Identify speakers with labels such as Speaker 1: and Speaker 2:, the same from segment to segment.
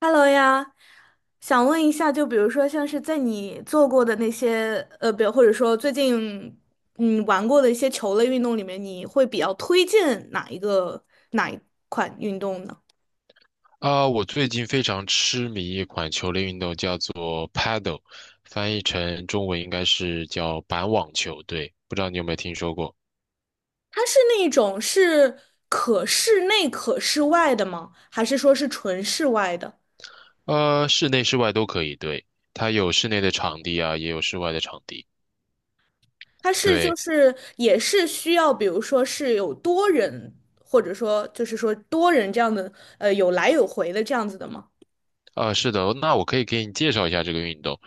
Speaker 1: Hello 呀，想问一下，就比如说像是在你做过的那些，比如或者说最近玩过的一些球类运动里面，你会比较推荐哪一个哪一款运动呢？
Speaker 2: 啊，我最近非常痴迷一款球类运动，叫做 Paddle，翻译成中文应该是叫板网球，对，不知道你有没有听说过？
Speaker 1: 它是那一种是可室内可室外的吗？还是说是纯室外的？
Speaker 2: 室内室外都可以，对，它有室内的场地啊，也有室外的场地，
Speaker 1: 它是就
Speaker 2: 对。
Speaker 1: 是也是需要，比如说是有多人，或者说就是说多人这样的，有来有回的这样子的吗？
Speaker 2: 啊，是的，那我可以给你介绍一下这个运动。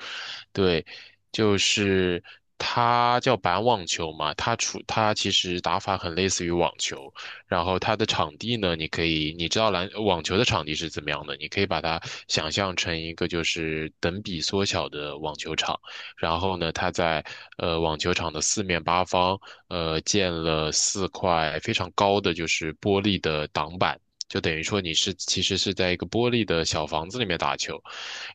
Speaker 2: 对，就是它叫板网球嘛，它其实打法很类似于网球，然后它的场地呢，你可以你知道篮网球的场地是怎么样的，你可以把它想象成一个就是等比缩小的网球场，然后呢，它在网球场的四面八方建了四块非常高的就是玻璃的挡板。就等于说你是其实是在一个玻璃的小房子里面打球，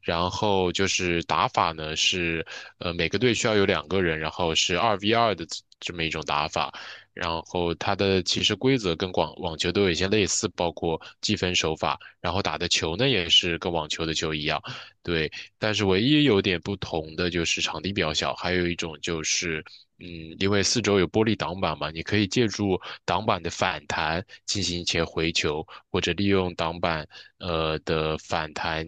Speaker 2: 然后就是打法呢是，每个队需要有两个人，然后是二 v 二的这么一种打法。然后它的其实规则跟广网球都有一些类似，包括计分手法，然后打的球呢也是跟网球的球一样，对。但是唯一有点不同的就是场地比较小，还有一种就是，嗯，因为四周有玻璃挡板嘛，你可以借助挡板的反弹进行一些回球，或者利用挡板的反弹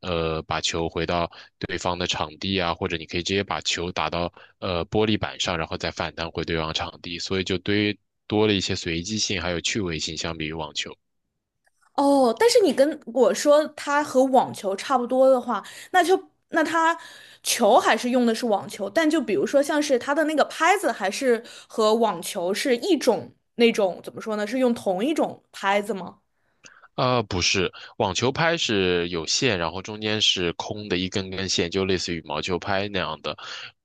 Speaker 2: 把球回到对方的场地啊，或者你可以直接把球打到玻璃板上，然后再反弹回对方场地，所以就堆多了一些随机性还有趣味性，相比于网球。
Speaker 1: 哦，但是你跟我说它和网球差不多的话，那它球还是用的是网球，但就比如说像是它的那个拍子，还是和网球是一种那种怎么说呢？是用同一种拍子吗？
Speaker 2: 不是，网球拍是有线，然后中间是空的一根根线，就类似于羽毛球拍那样的，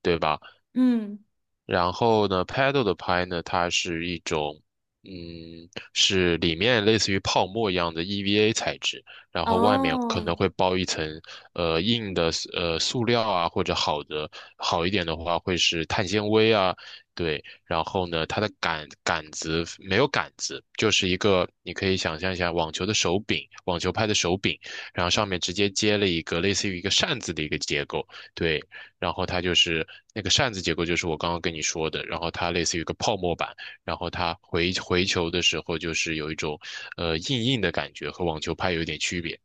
Speaker 2: 对吧？
Speaker 1: 嗯，
Speaker 2: 然后呢，paddle 的拍呢，它是一种，嗯，是里面类似于泡沫一样的 EVA 材质，然后外面可
Speaker 1: 哦，
Speaker 2: 能会包一层硬的塑料啊，或者好一点的话会是碳纤维啊，对。然后呢，它的杆子没有杆子，就是一个你可以想象一下网球的手柄，网球拍的手柄，然后上面直接接了一个类似于一个扇子的一个结构，对。然后它就是那个扇子结构，就是我刚刚跟你说的，然后它类似于一个泡沫板，然后它回球的时候就是有一种硬硬的感觉，和网球拍有一点区别。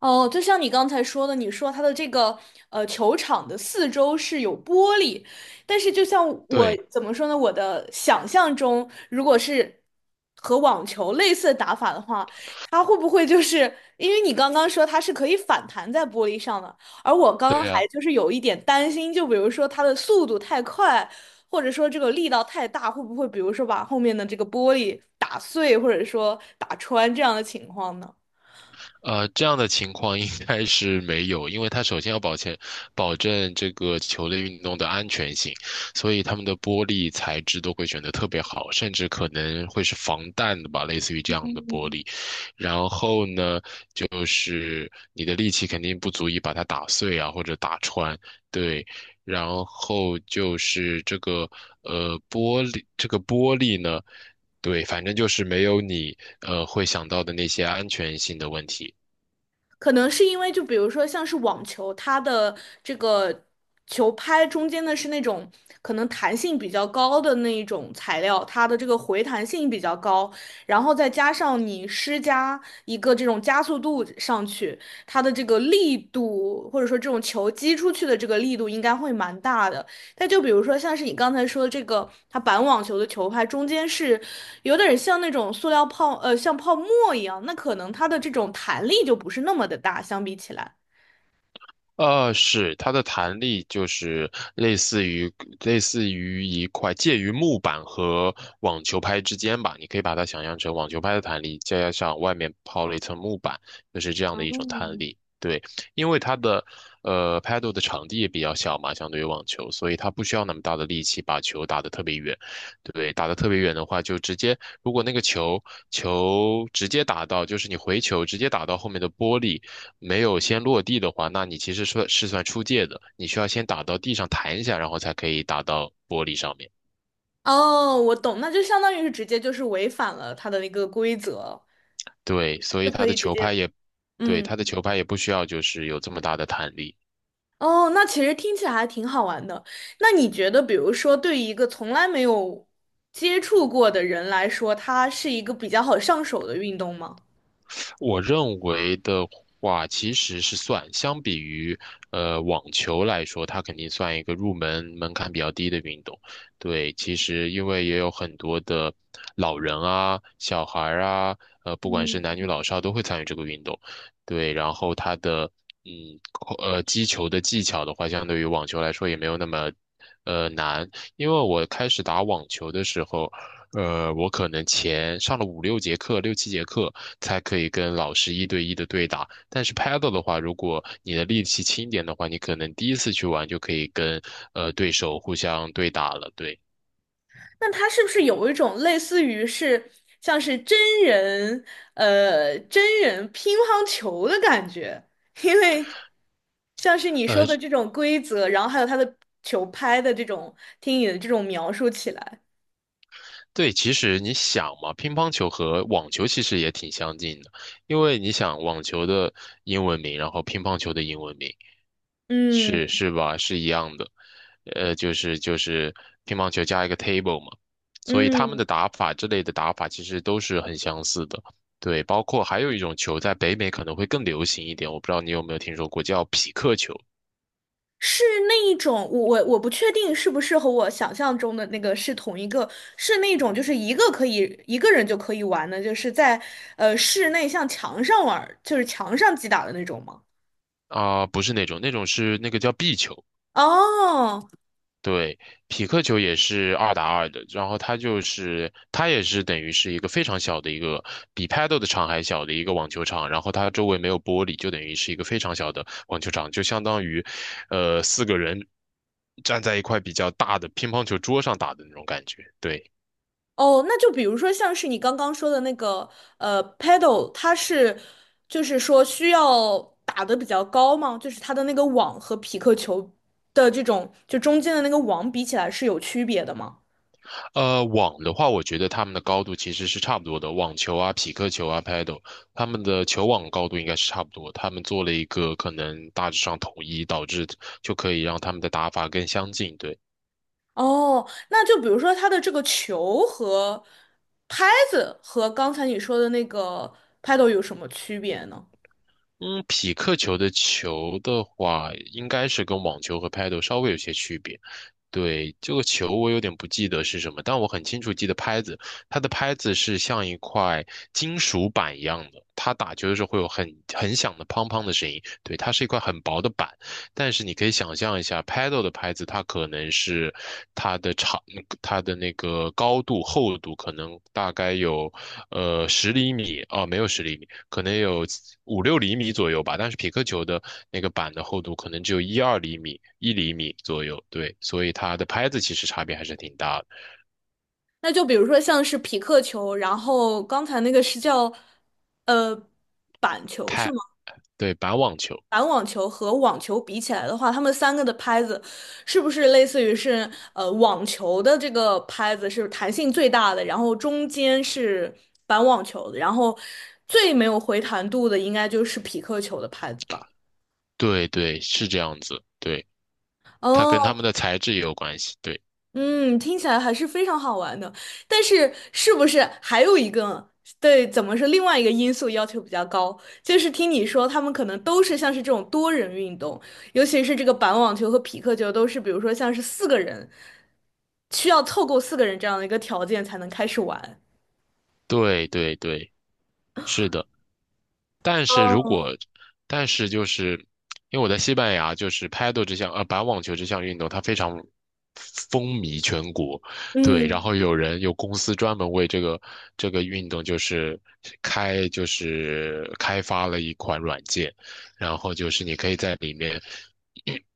Speaker 1: 哦，就像你刚才说的，你说它的这个球场的四周是有玻璃，但是就像我
Speaker 2: 对
Speaker 1: 怎么说呢，我的想象中，如果是和网球类似的打法的话，它会不会就是因为你刚刚说它是可以反弹在玻璃上的，而我刚刚
Speaker 2: 对
Speaker 1: 还
Speaker 2: 呀。
Speaker 1: 就是有一点担心，就比如说它的速度太快，或者说这个力道太大，会不会比如说把后面的这个玻璃打碎，或者说打穿这样的情况呢？
Speaker 2: 这样的情况应该是没有，因为它首先要保证这个球类运动的安全性，所以他们的玻璃材质都会选得特别好，甚至可能会是防弹的吧，类似于这样的玻璃。然后呢，就是你的力气肯定不足以把它打碎啊，或者打穿，对。然后就是这个玻璃，这个玻璃呢。对，反正就是没有你会想到的那些安全性的问题。
Speaker 1: 可能是因为就比如说像是网球，它的这个球拍中间的是那种可能弹性比较高的那一种材料，它的这个回弹性比较高，然后再加上你施加一个这种加速度上去，它的这个力度或者说这种球击出去的这个力度应该会蛮大的。那就比如说，像是你刚才说的这个，它板网球的球拍中间是有点像那种塑料泡，像泡沫一样，那可能它的这种弹力就不是那么的大，相比起来。
Speaker 2: 是，它的弹力就是类似于类似于一块介于木板和网球拍之间吧，你可以把它想象成网球拍的弹力，加上外面抛了一层木板，就是这样的一种弹
Speaker 1: 哦，
Speaker 2: 力。对，因为它的paddle 的场地也比较小嘛，相对于网球，所以它不需要那么大的力气把球打得特别远。对，打得特别远的话，就直接如果那个球直接打到，就是你回球直接打到后面的玻璃。没有先落地的话，那你其实算出界的，你需要先打到地上弹一下，然后才可以打到玻璃上面。
Speaker 1: 哦，我懂，那就相当于是直接就是违反了它的一个规则，
Speaker 2: 对，所
Speaker 1: 就
Speaker 2: 以
Speaker 1: 可
Speaker 2: 他的
Speaker 1: 以直
Speaker 2: 球拍
Speaker 1: 接，
Speaker 2: 也，对，
Speaker 1: 嗯，
Speaker 2: 他的球拍也不需要就是有这么大的弹力。
Speaker 1: 哦，那其实听起来还挺好玩的。那你觉得，比如说对于一个从来没有接触过的人来说，它是一个比较好上手的运动吗？
Speaker 2: 我认为的话，其实是算，相比于网球来说，它肯定算一个入门门槛比较低的运动。对，其实因为也有很多的老人啊、小孩儿啊，不管是男女老少都会参与这个运动。对，然后它的嗯扣呃击球的技巧的话，相对于网球来说也没有那么难，因为我开始打网球的时候。我可能前上了5、6节课、6、7节课，才可以跟老师一对一的对打。但是 Paddle 的话，如果你的力气轻一点的话，你可能第一次去玩就可以跟对手互相对打了。对，
Speaker 1: 那它是不是有一种类似于是像是真人真人乒乓球的感觉？因为像是你说
Speaker 2: 呃，
Speaker 1: 的这种规则，然后还有它的球拍的这种，听你的这种描述起来，
Speaker 2: 对，其实你想嘛，乒乓球和网球其实也挺相近的，因为你想网球的英文名，然后乒乓球的英文名是
Speaker 1: 嗯
Speaker 2: 是吧？是一样的，就是乒乓球加一个 table 嘛，所以他们的
Speaker 1: 嗯，
Speaker 2: 打法之类的打法其实都是很相似的。对，包括还有一种球在北美可能会更流行一点，我不知道你有没有听说过，叫匹克球
Speaker 1: 是那一种，我不确定是不是和我想象中的那个是同一个，是那种就是一个可以一个人就可以玩的，就是在室内像墙上玩儿就是墙上击打的那种吗？
Speaker 2: 啊、不是那种，那种是那个叫壁球。
Speaker 1: 哦
Speaker 2: 对，匹克球也是二打二的，然后它也是等于是一个非常小的一个，比 Paddle 的场还小的一个网球场，然后它周围没有玻璃，就等于是一个非常小的网球场，就相当于，四个人站在一块比较大的乒乓球桌上打的那种感觉。对，
Speaker 1: 哦，那就比如说像是你刚刚说的那个paddle，它是就是说需要打得比较高吗？就是它的那个网和匹克球的这种就中间的那个网比起来是有区别的吗？
Speaker 2: 网的话，我觉得他们的高度其实是差不多的，网球啊、匹克球啊、paddle，他们的球网高度应该是差不多。他们做了一个可能大致上统一，导致就可以让他们的打法更相近。对。
Speaker 1: 哦，那就比如说它的这个球和拍子和刚才你说的那个 paddle 有什么区别呢？
Speaker 2: 嗯，匹克球的球的话，应该是跟网球和拍 a 稍微有些区别。对，这个球我有点不记得是什么，但我很清楚记得拍子，它的拍子是像一块金属板一样的，它打球的时候会有很响的砰砰的声音。对，它是一块很薄的板，但是你可以想象一下，Paddle 的拍子，它可能是它的长，它的那个高度、厚度可能大概有十厘米哦，没有十厘米，可能有5、6厘米左右吧。但是匹克球的那个板的厚度可能只有1、2厘米、1厘米左右，对，所以它的拍子其实差别还是挺大的。
Speaker 1: 那就比如说像是匹克球，然后刚才那个是叫呃板球是
Speaker 2: 拍，
Speaker 1: 吗？
Speaker 2: 对，板网球，
Speaker 1: 板网球和网球比起来的话，他们三个的拍子是不是类似于是网球的这个拍子是弹性最大的，然后中间是板网球的，然后最没有回弹度的应该就是匹克球的拍子吧？
Speaker 2: 对对，是这样子，对，它跟它
Speaker 1: 哦，
Speaker 2: 们的材质也有关系，对
Speaker 1: 嗯，听起来还是非常好玩的，但是是不是还有一个，对，怎么说，另外一个因素要求比较高，就是听你说他们可能都是像是这种多人运动，尤其是这个板网球和匹克球都是，比如说像是四个人，需要凑够四个人这样的一个条件才能开始玩。
Speaker 2: 对对对，是的。但是如
Speaker 1: 哦，
Speaker 2: 果，但是，因为我在西班牙，就是拍 a 这项板网球这项运动，它非常风靡全国，对，然
Speaker 1: 嗯。
Speaker 2: 后有公司专门为这个运动就是开发了一款软件，然后就是你可以在里面。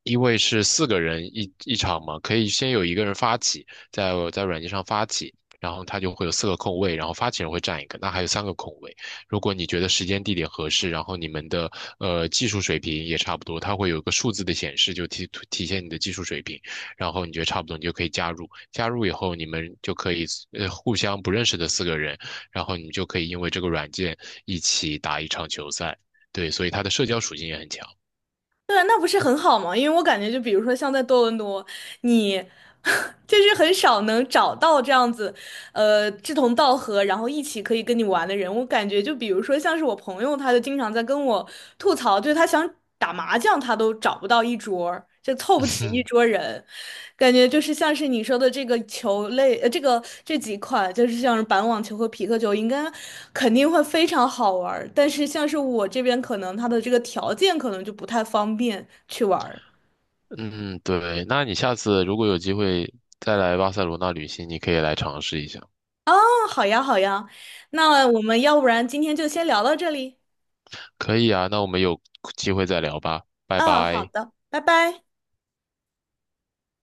Speaker 2: 因为是四个人一场嘛，可以先有一个人发起，在软件上发起，然后他就会有四个空位，然后发起人会占一个，那还有三个空位，如果你觉得时间地点合适，然后你们的技术水平也差不多，它会有一个数字的显示，就体现你的技术水平。然后你觉得差不多，你就可以加入。加入以后，你们就可以互相不认识的四个人，然后你们就可以因为这个软件一起打一场球赛。对，所以它的社交属性也很强。
Speaker 1: 对，那不是很好吗？因为我感觉，就比如说像在多伦多，你 就是很少能找到这样子，志同道合，然后一起可以跟你玩的人。我感觉，就比如说像是我朋友，他就经常在跟我吐槽，就是他想打麻将，他都找不到一桌儿就凑不齐一桌 人。感觉就是像是你说的这个球类，这个这几款就是像是板网球和皮克球，应该肯定会非常好玩儿。但是像是我这边，可能它的这个条件可能就不太方便去玩儿。
Speaker 2: 嗯嗯，对，那你下次如果有机会再来巴塞罗那旅行，你可以来尝试一下。
Speaker 1: 哦，好呀，好呀，那我们要不然今天就先聊到这里。
Speaker 2: 可以啊，那我们有机会再聊吧，拜
Speaker 1: 嗯，好
Speaker 2: 拜。
Speaker 1: 的，拜拜。